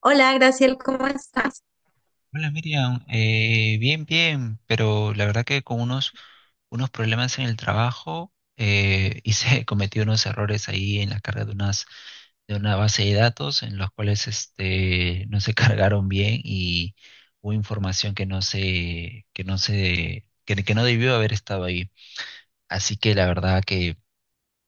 Hola, Graciel, ¿cómo estás? Hola Miriam, bien, bien, pero la verdad que con unos problemas en el trabajo. Hice, cometí unos errores ahí en la carga de de una base de datos en los cuales este, no se cargaron bien y hubo información que que no debió haber estado ahí. Así que la verdad que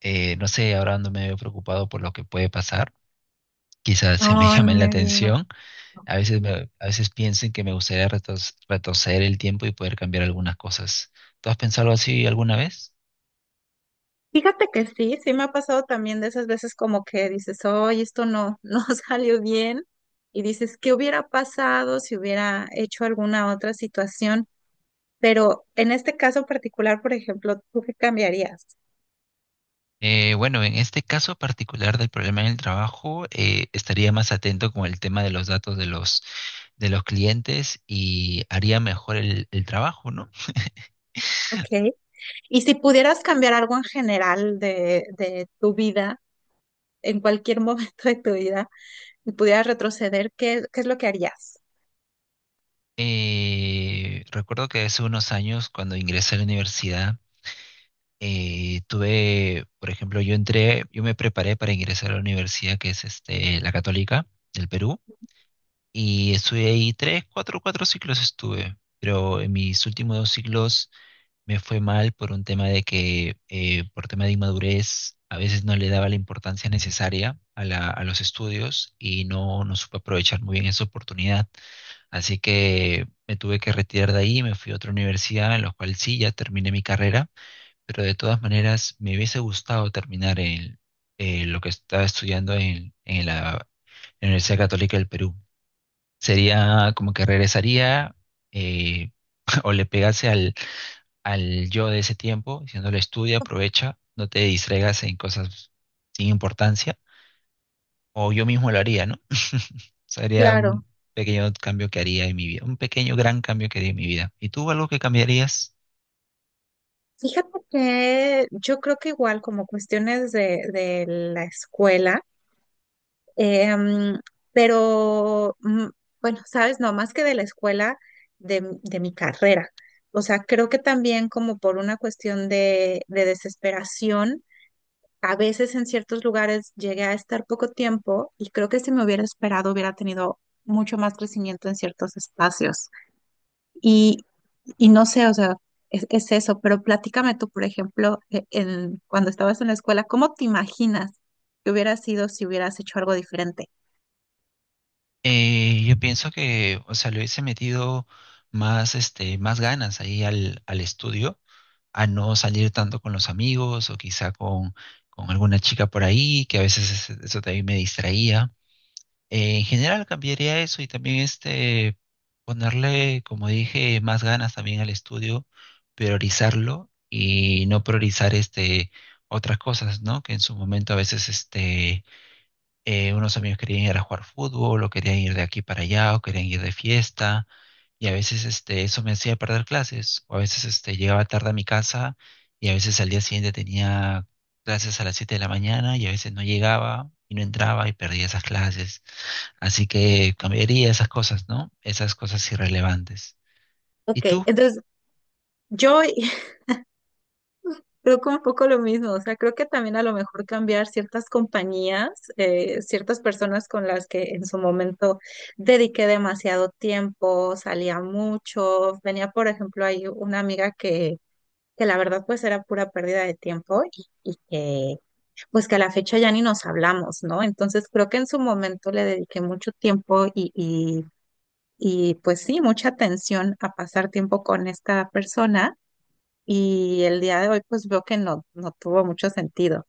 no sé, ahora ando medio preocupado por lo que puede pasar. Quizás se me No, no llame la me digas. atención a veces, a veces pienso en que me gustaría retroceder el tiempo y poder cambiar algunas cosas. ¿Tú has pensado así alguna vez? Fíjate que sí, sí me ha pasado también de esas veces como que dices, oye, esto no, no salió bien. Y dices, ¿qué hubiera pasado si hubiera hecho alguna otra situación? Pero en este caso particular, por ejemplo, ¿tú qué cambiarías? Bueno, en este caso particular del problema en el trabajo, estaría más atento con el tema de los datos de de los clientes y haría mejor el trabajo, ¿no? Ok. Y si pudieras cambiar algo en general de tu vida, en cualquier momento de tu vida, y pudieras retroceder, ¿qué, qué es lo que harías? Recuerdo que hace unos años, cuando ingresé a la universidad, tuve, por ejemplo, yo entré, yo me preparé para ingresar a la universidad que es este, la Católica del Perú. Y estuve ahí tres, cuatro ciclos estuve, pero en mis últimos dos ciclos me fue mal por un tema de que, por tema de inmadurez, a veces no le daba la importancia necesaria a a los estudios y no, no supe aprovechar muy bien esa oportunidad. Así que me tuve que retirar de ahí, me fui a otra universidad, en la cual sí, ya terminé mi carrera, pero de todas maneras me hubiese gustado terminar lo que estaba estudiando en la Universidad Católica del Perú. Sería como que regresaría, eh, o le pegase al, al yo de ese tiempo, diciéndole estudia, aprovecha, no te distraigas en cosas sin importancia, o yo mismo lo haría, ¿no? Sería Claro. un pequeño cambio que haría en mi vida, un pequeño gran cambio que haría en mi vida. ¿Y tú algo que cambiarías? Fíjate que yo creo que igual como cuestiones de la escuela, em, pero bueno, sabes, no, más que de la escuela, de, de mi carrera. O sea, creo que también como por una cuestión de desesperación, a veces en ciertos lugares llegué a estar poco tiempo y creo que si me hubiera esperado hubiera tenido mucho más crecimiento en ciertos espacios. Y no sé, o sea, es eso, pero platícame tú, por ejemplo, en, cuando estabas en la escuela, ¿cómo te imaginas que hubiera sido si hubieras hecho algo diferente? Yo pienso que, o sea, le hubiese metido más, este, más ganas ahí al, al estudio, a no salir tanto con los amigos o quizá con alguna chica por ahí, que a veces eso también me distraía. En general cambiaría eso y también este ponerle, como dije, más ganas también al estudio, priorizarlo y no priorizar este otras cosas, ¿no? Que en su momento a veces unos amigos querían ir a jugar fútbol, o querían ir de aquí para allá, o querían ir de fiesta, y a veces este, eso me hacía perder clases, o a veces este, llegaba tarde a mi casa, y a veces al día siguiente tenía clases a las 7 de la mañana, y a veces no llegaba, y no entraba, y perdía esas clases. Así que cambiaría esas cosas, ¿no? Esas cosas irrelevantes. Ok, ¿Y tú? entonces yo creo que un poco lo mismo, o sea, creo que también a lo mejor cambiar ciertas compañías, ciertas personas con las que en su momento dediqué demasiado tiempo, salía mucho, tenía, por ejemplo, ahí una amiga que la verdad pues era pura pérdida de tiempo y pues que a la fecha ya ni nos hablamos, ¿no? Entonces creo que en su momento le dediqué mucho tiempo y pues sí, mucha atención a pasar tiempo con esta persona y el día de hoy pues veo que no, no tuvo mucho sentido.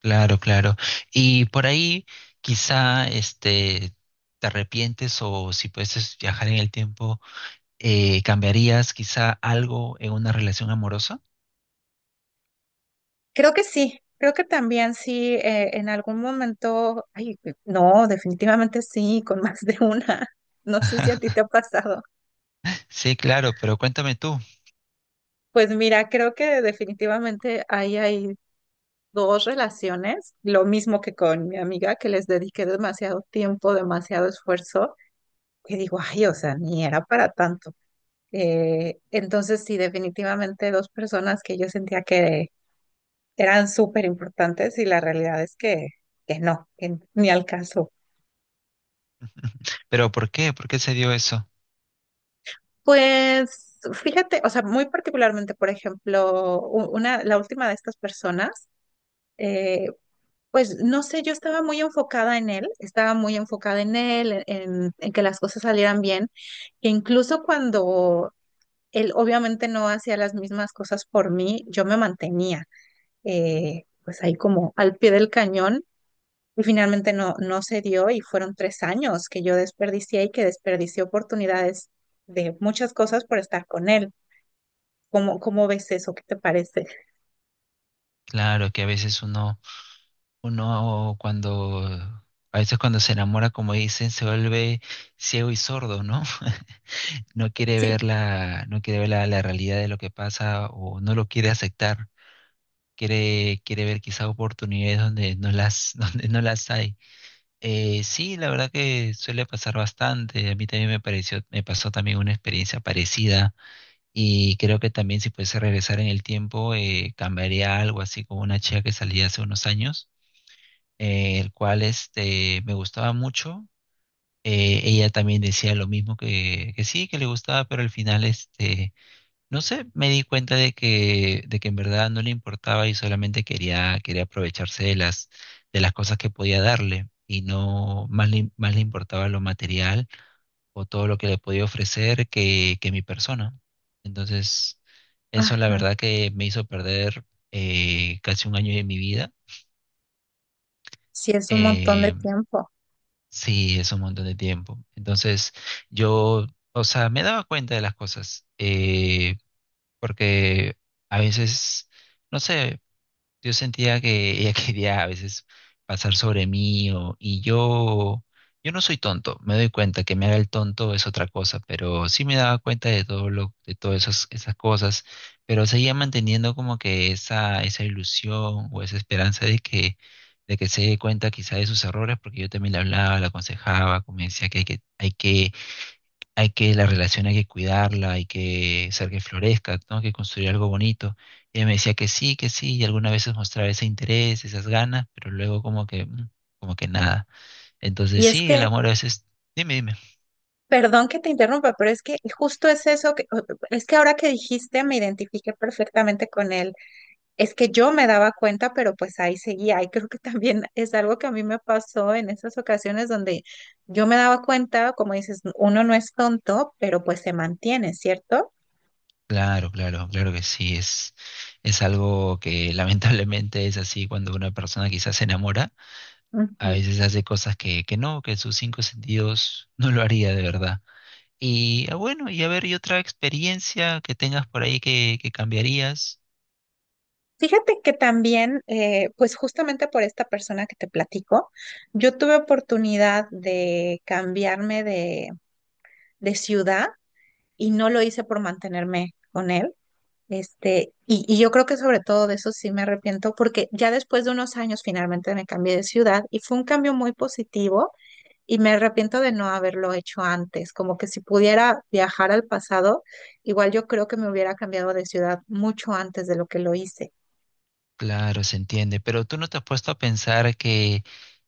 Claro, claro. Y por ahí, quizá, este, te arrepientes, o si puedes viajar en el tiempo, ¿cambiarías quizá algo en una relación amorosa? Creo que sí, creo que también sí, en algún momento, ay, no, definitivamente sí, con más de una. No sé si a ti te ha pasado. Sí, claro, pero cuéntame tú. Pues mira, creo que definitivamente ahí hay dos relaciones, lo mismo que con mi amiga, que les dediqué demasiado tiempo, demasiado esfuerzo, que digo, ay, o sea, ni era para tanto. Entonces, sí, definitivamente dos personas que yo sentía que eran súper importantes y la realidad es que no, que ni al caso. ¿Pero por qué? ¿Por qué se dio eso? Pues fíjate, o sea, muy particularmente, por ejemplo, una, la última de estas personas, eh, pues no sé, yo estaba muy enfocada en él, estaba muy enfocada en él, en que las cosas salieran bien, que incluso cuando él obviamente no hacía las mismas cosas por mí, yo me mantenía, pues ahí como al pie del cañón y finalmente no, no se dio y fueron tres años que yo desperdicié y que desperdicié oportunidades de muchas cosas por estar con él. ¿Cómo, cómo ves eso? ¿Qué te parece? Claro que a veces uno cuando, a veces cuando se enamora, como dicen, se vuelve ciego y sordo, ¿no? No quiere ver Sí, no quiere ver la realidad de lo que pasa o no lo quiere aceptar. Quiere, quiere ver quizá oportunidades donde no donde no las hay. Sí, la verdad que suele pasar bastante. A mí también me pareció, me pasó también una experiencia parecida y creo que también si pudiese regresar en el tiempo, cambiaría algo así como una chica que salía hace unos años, el cual este me gustaba mucho. Ella también decía lo mismo que sí, que le gustaba, pero al final este no sé, me di cuenta de que en verdad no le importaba y solamente quería, quería aprovecharse de de las cosas que podía darle y no más más le importaba lo material o todo lo que le podía ofrecer que mi persona. Entonces, eso la ajá, verdad que me hizo perder casi un año de mi vida. sí es un montón de Eh, tiempo. sí, es un montón de tiempo. Entonces, yo, o sea, me daba cuenta de las cosas, porque a veces... No sé. Yo sentía que ella quería a veces pasar sobre mí o, y yo no soy tonto, me doy cuenta que me haga el tonto es otra cosa, pero sí me daba cuenta de todo lo, de todas esas, esas cosas, pero seguía manteniendo como que esa ilusión o esa esperanza de de que se dé cuenta quizá de sus errores, porque yo también le hablaba, le aconsejaba, como me decía que la relación hay que cuidarla, hay que hacer que florezca, ¿no? Que construir algo bonito. Y ella me decía que sí, y algunas veces mostraba ese interés, esas ganas, pero luego como que, como que nada. Entonces Y es sí, el que amor a veces, dime, dime. perdón que te interrumpa, pero es que justo es eso que, es que ahora que dijiste me identifiqué perfectamente con él. Es que yo me daba cuenta, pero pues ahí seguía. Y creo que también es algo que a mí me pasó en esas ocasiones donde yo me daba cuenta, como dices, uno no es tonto, pero pues se mantiene, ¿cierto? Claro, claro, claro que sí, es algo que lamentablemente es así cuando una persona quizás se enamora, a Ujú. veces hace cosas que no, que sus cinco sentidos no lo haría de verdad. Y ah, bueno, y a ver, ¿y otra experiencia que tengas por ahí que cambiarías? Fíjate que también, pues justamente por esta persona que te platico, yo tuve oportunidad de cambiarme de ciudad y no lo hice por mantenerme con él. Este, y yo creo que sobre todo de eso sí me arrepiento porque ya después de unos años finalmente me cambié de ciudad y fue un cambio muy positivo y me arrepiento de no haberlo hecho antes, como que si pudiera viajar al pasado, igual yo creo que me hubiera cambiado de ciudad mucho antes de lo que lo hice. Claro, se entiende, pero tú no te has puesto a pensar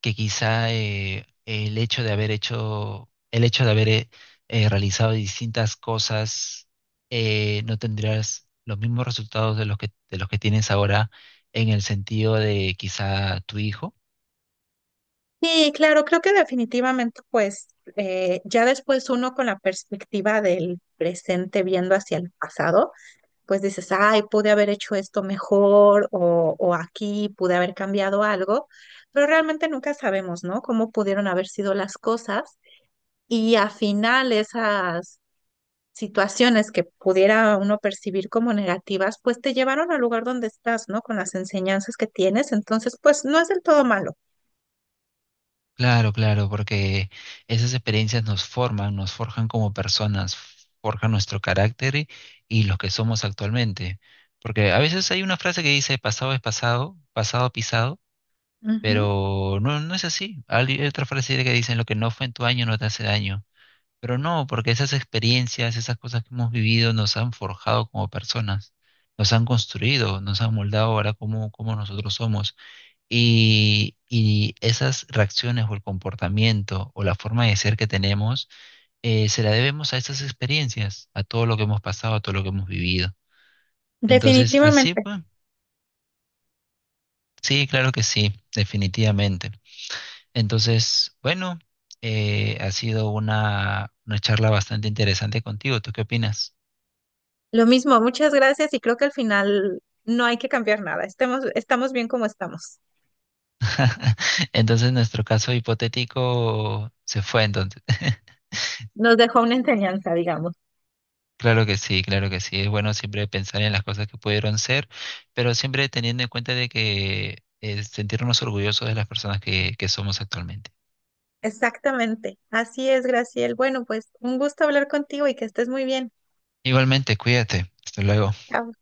que quizá el hecho de haber hecho, el hecho de haber realizado distintas cosas, no tendrías los mismos resultados de de los que tienes ahora en el sentido de quizá tu hijo. Sí, claro, creo que definitivamente pues, ya después uno con la perspectiva del presente viendo hacia el pasado pues dices, ay, pude haber hecho esto mejor o aquí pude haber cambiado algo, pero realmente nunca sabemos, ¿no? Cómo pudieron haber sido las cosas y al final esas situaciones que pudiera uno percibir como negativas, pues te llevaron al lugar donde estás, ¿no? Con las enseñanzas que tienes, entonces, pues no es del todo malo. Claro, claro, porque esas experiencias nos forman, nos forjan como personas, forjan nuestro carácter y los que somos actualmente. Porque a veces hay una frase que dice, pasado es pasado, pasado pisado. Ujú. Pero no, no es así. Hay otra frase que dicen, lo que no fue en tu año no te hace daño. Pero no, porque esas experiencias, esas cosas que hemos vivido nos han forjado como personas, nos han construido, nos han moldado ahora como, como nosotros somos. Y esas reacciones o el comportamiento o la forma de ser que tenemos, se la debemos a esas experiencias, a todo lo que hemos pasado, a todo lo que hemos vivido. Entonces, así Definitivamente. pues, sí, claro que sí, definitivamente. Entonces, bueno, ha sido una charla bastante interesante contigo. ¿Tú qué opinas? Lo mismo, muchas gracias y creo que al final no hay que cambiar nada, estemos, estamos bien como estamos. Entonces, nuestro caso hipotético se fue entonces. Nos dejó una enseñanza, digamos. Claro que sí, claro que sí. Es bueno siempre pensar en las cosas que pudieron ser, pero siempre teniendo en cuenta de que sentirnos orgullosos de las personas que somos actualmente. Exactamente. Así es, Graciel. Bueno, pues un gusto hablar contigo y que estés muy bien. Igualmente, cuídate. Hasta luego. Chao.